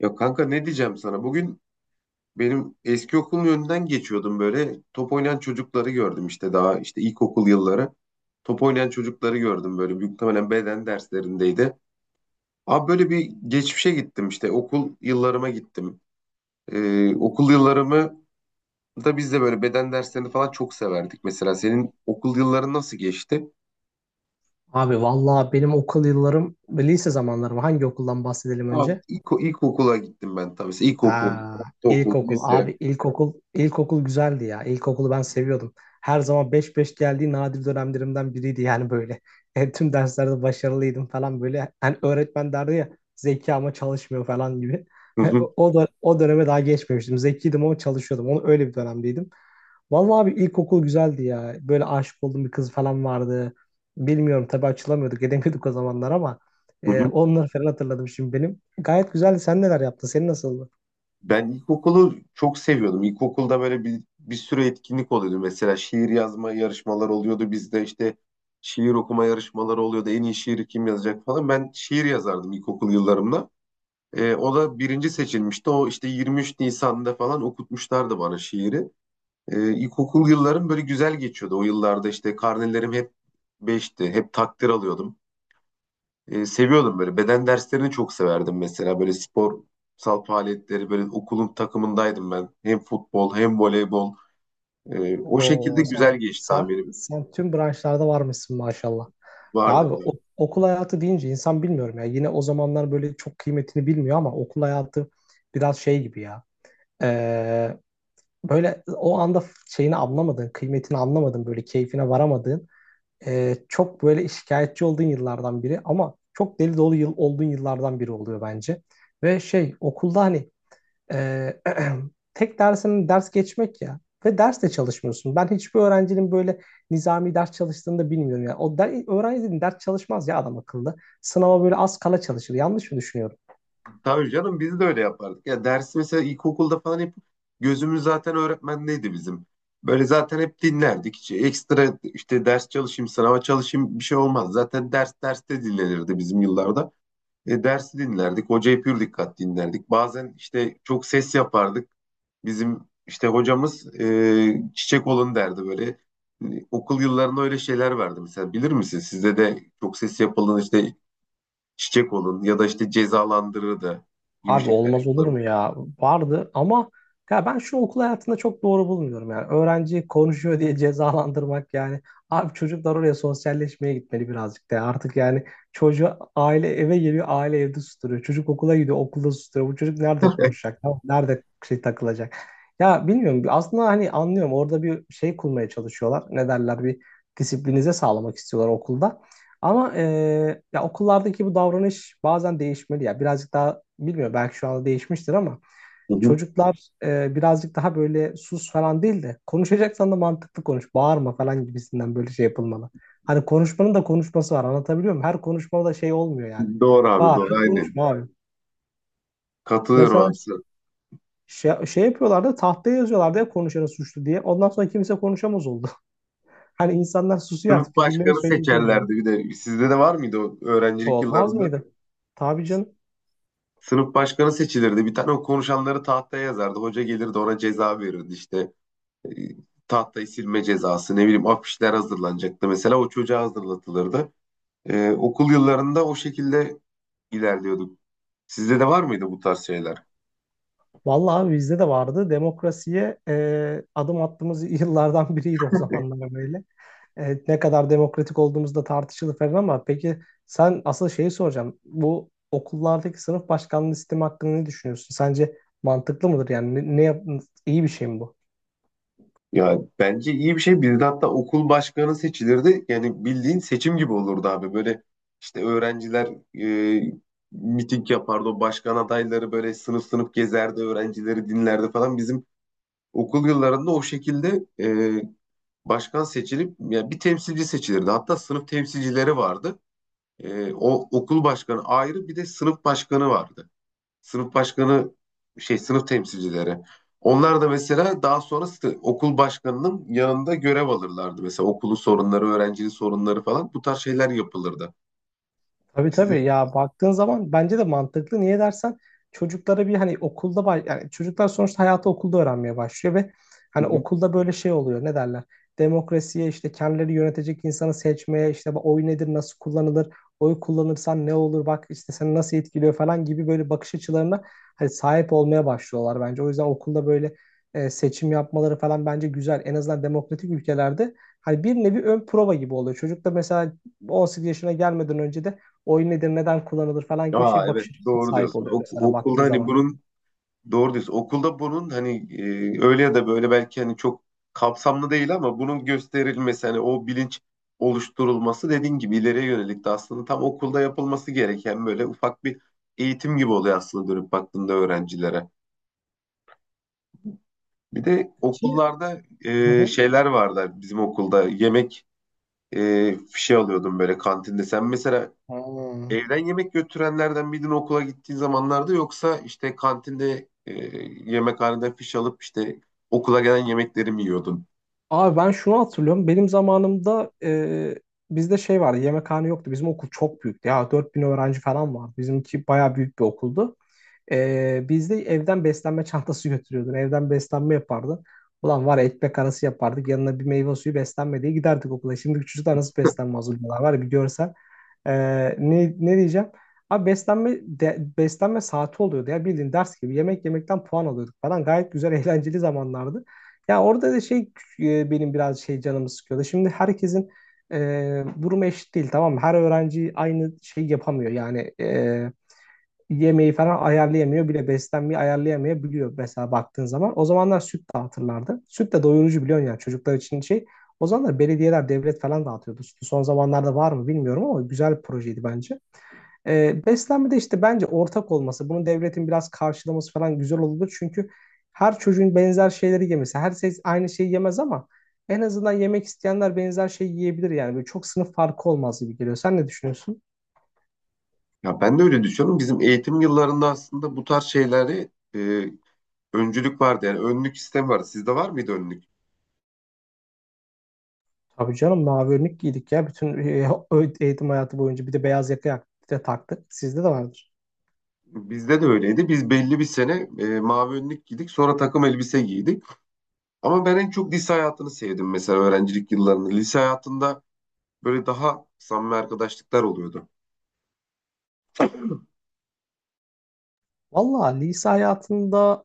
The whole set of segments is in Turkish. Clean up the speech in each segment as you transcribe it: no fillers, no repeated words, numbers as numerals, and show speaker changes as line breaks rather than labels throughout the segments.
Ya kanka, ne diyeceğim sana? Bugün benim eski okulun önünden geçiyordum böyle. Top oynayan çocukları gördüm işte daha işte ilkokul yılları. Top oynayan çocukları gördüm böyle. Büyük ihtimaalen beden derslerindeydi. Abi böyle bir geçmişe gittim, işte okul yıllarıma gittim. Okul yıllarımı da biz de böyle beden derslerini falan çok severdik. Mesela senin okul yılların nasıl geçti?
Abi vallahi benim okul yıllarım, lise zamanlarım. Hangi okuldan bahsedelim
Abi
önce?
ilkokula gittim ben tabii. İlkokul,
Aa,
ortaokul,
ilkokul.
lise.
Abi ilkokul, ilkokul güzeldi ya. İlkokulu ben seviyordum. Her zaman beş beş geldiği nadir dönemlerimden biriydi yani böyle. Tüm derslerde başarılıydım falan böyle. Hani öğretmen derdi ya zeki ama çalışmıyor falan gibi.
Hı hı,
O da o döneme daha geçmemiştim. Zekiydim ama çalışıyordum. Onu öyle bir dönemdeydim. Vallahi abi ilkokul güzeldi ya. Böyle aşık olduğum bir kız falan vardı. Bilmiyorum tabii açılamıyorduk, edemiyorduk o zamanlar ama
hı hı.
onları falan hatırladım şimdi benim. Gayet güzeldi. Sen neler yaptın? Senin nasıldı?
Ben ilkokulu çok seviyordum. İlkokulda böyle bir sürü etkinlik oluyordu. Mesela şiir yazma yarışmalar oluyordu. Bizde işte şiir okuma yarışmaları oluyordu. En iyi şiiri kim yazacak falan. Ben şiir yazardım ilkokul yıllarımda. O da birinci seçilmişti. O işte 23 Nisan'da falan okutmuşlardı bana şiiri. İlkokul yıllarım böyle güzel geçiyordu. O yıllarda işte karnelerim hep beşti, hep takdir alıyordum. Seviyordum böyle. Beden derslerini çok severdim mesela. Böyle sporsal faaliyetleri, böyle okulun takımındaydım ben. Hem futbol hem voleybol. O şekilde
Oo
güzel
sen
geçti
sen,
tamirim.
sen tüm branşlarda varmışsın maşallah. Ya
Vardı
abi
galiba.
okul hayatı deyince insan bilmiyorum ya. Yine o zamanlar böyle çok kıymetini bilmiyor ama okul hayatı biraz şey gibi ya. Ee, böyle o anda şeyini anlamadın, kıymetini anlamadın, böyle keyfine varamadın. Çok böyle şikayetçi olduğun yıllardan biri ama çok deli dolu yıl olduğun yıllardan biri oluyor bence. Ve şey okulda hani e, tek dersinin ders geçmek ya ve ders de çalışmıyorsun. Ben hiçbir öğrencinin böyle nizami ders çalıştığını da bilmiyorum ya. Öğrencinin ders çalışmaz ya adam akıllı. Sınava böyle az kala çalışır. Yanlış mı düşünüyorum?
Tabii canım, biz de öyle yapardık. Ya dersi mesela ilkokulda falan hep gözümüz zaten öğretmendeydi bizim. Böyle zaten hep dinlerdik. Hiç ekstra işte ders çalışayım, sınava çalışayım bir şey olmaz. Zaten ders derste dinlenirdi bizim yıllarda. Dersi dinlerdik. Hocayı pür dikkat dinlerdik. Bazen işte çok ses yapardık. Bizim işte hocamız çiçek olun derdi böyle. Okul yıllarında öyle şeyler verdi mesela. Bilir misin? Sizde de çok ses yapılan işte çiçek olun ya da işte cezalandırırdı gibi
Abi
şeyler
olmaz olur
yapılır.
mu ya? Vardı ama ya ben şunu okul hayatında çok doğru bulmuyorum yani. Öğrenci konuşuyor diye cezalandırmak yani. Abi çocuklar oraya sosyalleşmeye gitmeli birazcık da. Artık yani çocuğu aile eve geliyor, aile evde susturuyor. Çocuk okula gidiyor, okulda susturuyor. Bu çocuk nerede konuşacak ya? Nerede şey takılacak? Ya bilmiyorum. Aslında hani anlıyorum. Orada bir şey kurmaya çalışıyorlar. Ne derler? Bir disiplinize sağlamak istiyorlar okulda. Ama ya okullardaki bu davranış bazen değişmeli ya. Birazcık daha bilmiyorum belki şu anda değişmiştir ama
Hı hı.
çocuklar birazcık daha böyle sus falan değil de konuşacaksan da mantıklı konuş. Bağırma falan gibisinden böyle şey yapılmalı. Hani konuşmanın da konuşması var, anlatabiliyor muyum? Her konuşmada da şey olmuyor yani.
Doğru abi,
Bağır,
doğru, aynen.
konuşma abi.
Katılıyorum
Mesela
abi sana.
şey yapıyorlardı, tahtaya yazıyorlardı ya konuşanı suçlu diye. Ondan sonra kimse konuşamaz oldu. Hani insanlar susuyor, artık
Sınıf
fikirlerini
başkanı
söyleyecek yani.
seçerlerdi bir de. Sizde de var mıydı o öğrencilik
Olmaz
yıllarında?
mıydı? Tabii canım.
Sınıf başkanı seçilirdi. Bir tane o konuşanları tahtaya yazardı. Hoca gelirdi, ona ceza verirdi işte. E, Tahtayı silme cezası, ne bileyim, afişler hazırlanacaktı. Mesela o çocuğa hazırlatılırdı. Okul yıllarında o şekilde ilerliyorduk. Sizde de var mıydı bu tarz şeyler?
Vallahi abi bizde de vardı. Demokrasiye adım attığımız yıllardan biriydi o zamanlar böyle. Ne kadar demokratik olduğumuz da tartışılır falan ama peki, sen asıl şeyi soracağım. Bu okullardaki sınıf başkanlığı sistemi hakkında ne düşünüyorsun? Sence mantıklı mıdır? Yani iyi bir şey mi bu?
Ya bence iyi bir şey. Bir de hatta okul başkanı seçilirdi. Yani bildiğin seçim gibi olurdu abi. Böyle işte öğrenciler e, miting yapardı. O başkan adayları böyle sınıf sınıf gezerdi. Öğrencileri dinlerdi falan. Bizim okul yıllarında o şekilde başkan seçilip ya bir temsilci seçilirdi. Hatta sınıf temsilcileri vardı. O okul başkanı ayrı, bir de sınıf başkanı vardı, sınıf başkanı şey, sınıf temsilcileri. Onlar da mesela daha sonra okul başkanının yanında görev alırlardı. Mesela okulu sorunları, öğrencinin sorunları falan, bu tarz şeyler yapılırdı.
Tabii
Sizi...
tabii ya, baktığın zaman bence de mantıklı. Niye dersen çocuklara bir hani okulda yani çocuklar sonuçta hayatı okulda öğrenmeye başlıyor ve
Hı
hani
hı.
okulda böyle şey oluyor, ne derler? Demokrasiye işte kendileri yönetecek insanı seçmeye, işte bu oy nedir, nasıl kullanılır, oy kullanırsan ne olur, bak işte seni nasıl etkiliyor falan gibi böyle bakış açılarına hani sahip olmaya başlıyorlar bence. O yüzden okulda böyle seçim yapmaları falan bence güzel. En azından demokratik ülkelerde hani bir nevi ön prova gibi oluyor. Çocuk da mesela 18 yaşına gelmeden önce de oyun nedir, neden kullanılır falan gibi
Aa,
şey,
evet,
bakış açısına
doğru
sahip
diyorsun.
oluyor mesela
Okulda
baktığın
hani
zaman.
bunun doğru diyorsun. Okulda bunun hani öyle ya da böyle belki hani çok kapsamlı değil ama bunun gösterilmesi, hani o bilinç oluşturulması, dediğin gibi ileriye yönelik de aslında tam okulda yapılması gereken böyle ufak bir eğitim gibi oluyor aslında dönüp baktığında öğrencilere. Bir de
Ki.
okullarda
Hı hı.
şeyler vardı, bizim okulda yemek şey alıyordum böyle kantinde. Sen mesela
Ha.
evden yemek götürenlerden miydin okula gittiğin zamanlarda, yoksa işte kantinde yemekhaneden fiş alıp işte okula gelen yemekleri mi yiyordun?
Abi ben şunu hatırlıyorum. Benim zamanımda bizde şey vardı. Yemekhane yoktu. Bizim okul çok büyüktü. Ya 4000 öğrenci falan vardı. Bizimki bayağı büyük bir okuldu. Biz evden beslenme çantası götürüyordun. Evden beslenme yapardın. Ulan var ya, ekmek arası yapardık. Yanına bir meyve suyu, beslenme diye giderdik okula. Şimdi çocuklar nasıl beslenme hazırlıyorlar var ya, bir görsen. Ne diyeceğim? Abi beslenme saati oluyordu ya, bildiğin ders gibi. Yemek yemekten puan alıyorduk falan. Gayet güzel, eğlenceli zamanlardı. Ya orada da şey benim biraz şey canımı sıkıyordu. Şimdi herkesin durumu eşit değil, tamam mı? Her öğrenci aynı şey yapamıyor. Yani yemeği falan ayarlayamıyor, bile beslenmeyi ayarlayamayabiliyor mesela baktığın zaman. O zamanlar süt dağıtırlardı. Süt de doyurucu biliyorsun, yani çocuklar için şey. O zamanlar belediyeler, devlet falan dağıtıyordu sütü. Son zamanlarda var mı bilmiyorum ama güzel bir projeydi bence. Beslenmede işte bence ortak olması, bunun devletin biraz karşılaması falan güzel olurdu. Çünkü her çocuğun benzer şeyleri yemesi, herkes aynı şeyi yemez ama en azından yemek isteyenler benzer şeyi yiyebilir yani. Böyle çok sınıf farkı olmaz gibi geliyor. Sen ne düşünüyorsun?
Ya ben de öyle düşünüyorum. Bizim eğitim yıllarında aslında bu tarz şeyleri öncülük vardı. Yani önlük sistemi vardı. Sizde var mıydı önlük?
Tabii canım, mavi önlük giydik ya bütün eğitim hayatı boyunca, bir de beyaz yaka de taktık. Sizde de vardır.
Bizde de öyleydi. Biz belli bir sene mavi önlük giydik. Sonra takım elbise giydik. Ama ben en çok lise hayatını sevdim, mesela öğrencilik yıllarını. Lise hayatında böyle daha samimi arkadaşlıklar oluyordu.
Valla lise hayatında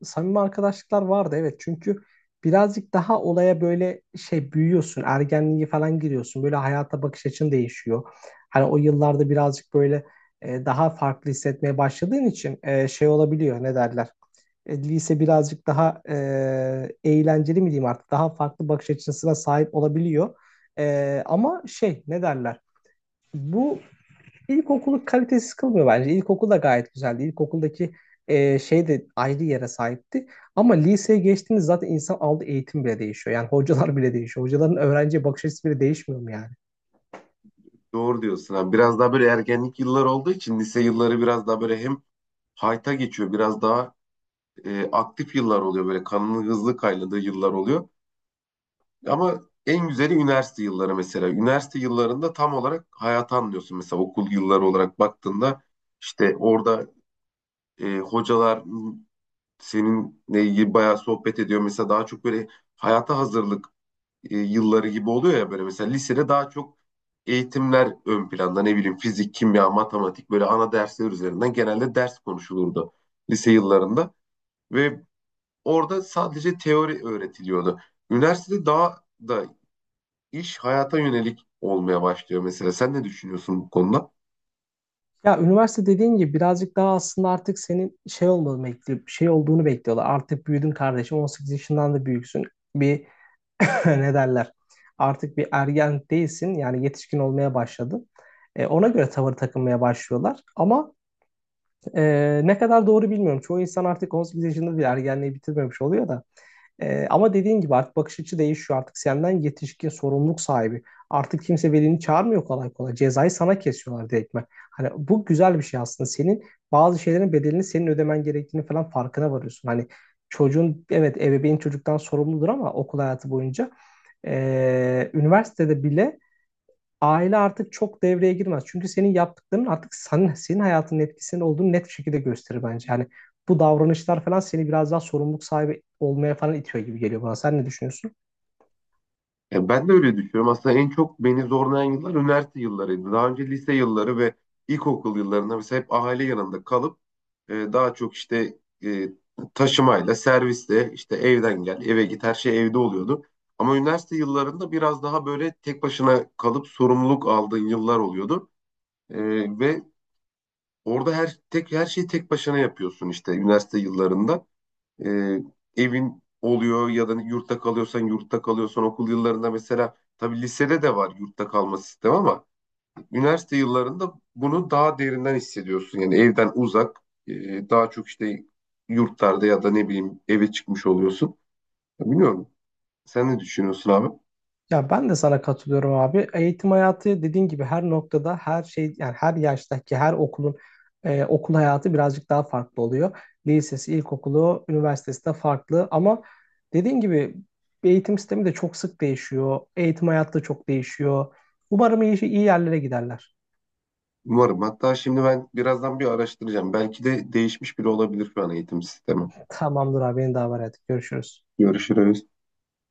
samimi arkadaşlıklar vardı evet, çünkü birazcık daha olaya böyle şey, büyüyorsun, ergenliğe falan giriyorsun, böyle hayata bakış açın değişiyor. Hani o yıllarda birazcık böyle daha farklı hissetmeye başladığın için şey olabiliyor, ne derler. Lise birazcık daha eğlenceli mi diyeyim, artık daha farklı bakış açısına sahip olabiliyor. Ama şey, ne derler. Bu İlkokulu kalitesiz kılmıyor bence. İlkokul da gayet güzeldi. İlkokuldaki şey de ayrı yere sahipti. Ama liseye geçtiğiniz zaten insan aldığı eğitim bile değişiyor. Yani hocalar bile değişiyor. Hocaların öğrenciye bakış açısı bile değişmiyor mu yani?
Doğru diyorsun abi. Biraz daha böyle ergenlik yılları olduğu için lise yılları biraz daha böyle hem hayta geçiyor, biraz daha aktif yıllar oluyor. Böyle kanının hızlı kaynadığı yıllar oluyor. Ama en güzeli üniversite yılları mesela. Üniversite yıllarında tam olarak hayatı anlıyorsun. Mesela okul yılları olarak baktığında işte orada hocalar seninle ilgili bayağı sohbet ediyor. Mesela daha çok böyle hayata hazırlık yılları gibi oluyor ya, böyle mesela lisede daha çok eğitimler ön planda, ne bileyim fizik, kimya, matematik, böyle ana dersler üzerinden genelde ders konuşulurdu lise yıllarında ve orada sadece teori öğretiliyordu. Üniversitede daha da iş hayata yönelik olmaya başlıyor mesela. Sen ne düşünüyorsun bu konuda?
Ya üniversite, dediğin gibi birazcık daha aslında artık senin şey olmalı bekliyor, şey olduğunu bekliyorlar. Artık büyüdün kardeşim, 18 yaşından da büyüksün. Bir, ne derler? Artık bir ergen değilsin. Yani yetişkin olmaya başladın. Ona göre tavır takınmaya başlıyorlar. Ama ne kadar doğru bilmiyorum. Çoğu insan artık 18 yaşında bir ergenliği bitirmemiş oluyor da. Ama dediğin gibi artık bakış açı değişiyor. Artık senden yetişkin sorumluluk sahibi. Artık kimse velini çağırmıyor kolay kolay. Cezayı sana kesiyorlar direktmen. Hani bu güzel bir şey aslında. Senin bazı şeylerin bedelini senin ödemen gerektiğini falan farkına varıyorsun. Hani çocuğun, evet, ebeveyn çocuktan sorumludur ama okul hayatı boyunca, üniversitede bile aile artık çok devreye girmez. Çünkü senin yaptıkların artık senin hayatının etkisinin olduğunu net bir şekilde gösterir bence. Yani bu davranışlar falan seni biraz daha sorumluluk sahibi olmaya falan itiyor gibi geliyor bana. Sen ne düşünüyorsun?
Ben de öyle düşünüyorum. Aslında en çok beni zorlayan yıllar üniversite yıllarıydı. Daha önce lise yılları ve ilkokul yıllarında mesela hep aile yanında kalıp daha çok işte e, taşımayla, servisle, işte evden gel, eve git, her şey evde oluyordu. Ama üniversite yıllarında biraz daha böyle tek başına kalıp sorumluluk aldığın yıllar oluyordu. E, ve orada her şeyi tek başına yapıyorsun işte üniversite yıllarında. E, Evin oluyor ya da yurtta kalıyorsan, okul yıllarında mesela, tabii lisede de var yurtta kalma sistemi, ama üniversite yıllarında bunu daha derinden hissediyorsun. Yani evden uzak, daha çok işte yurtlarda ya da ne bileyim eve çıkmış oluyorsun. Ya bilmiyorum. Sen ne düşünüyorsun abi?
Ya ben de sana katılıyorum abi. Eğitim hayatı, dediğin gibi her noktada, her şey yani her yaştaki her okulun okul hayatı birazcık daha farklı oluyor. Lisesi, ilkokulu, üniversitesi de farklı ama dediğin gibi eğitim sistemi de çok sık değişiyor. Eğitim hayatı da çok değişiyor. Umarım iyi, iyi yerlere giderler.
Umarım. Hatta şimdi ben birazdan bir araştıracağım. Belki de değişmiş bile olabilir şu an eğitim sistemi.
Tamamdır abi, beni davet et. Görüşürüz.
Görüşürüz.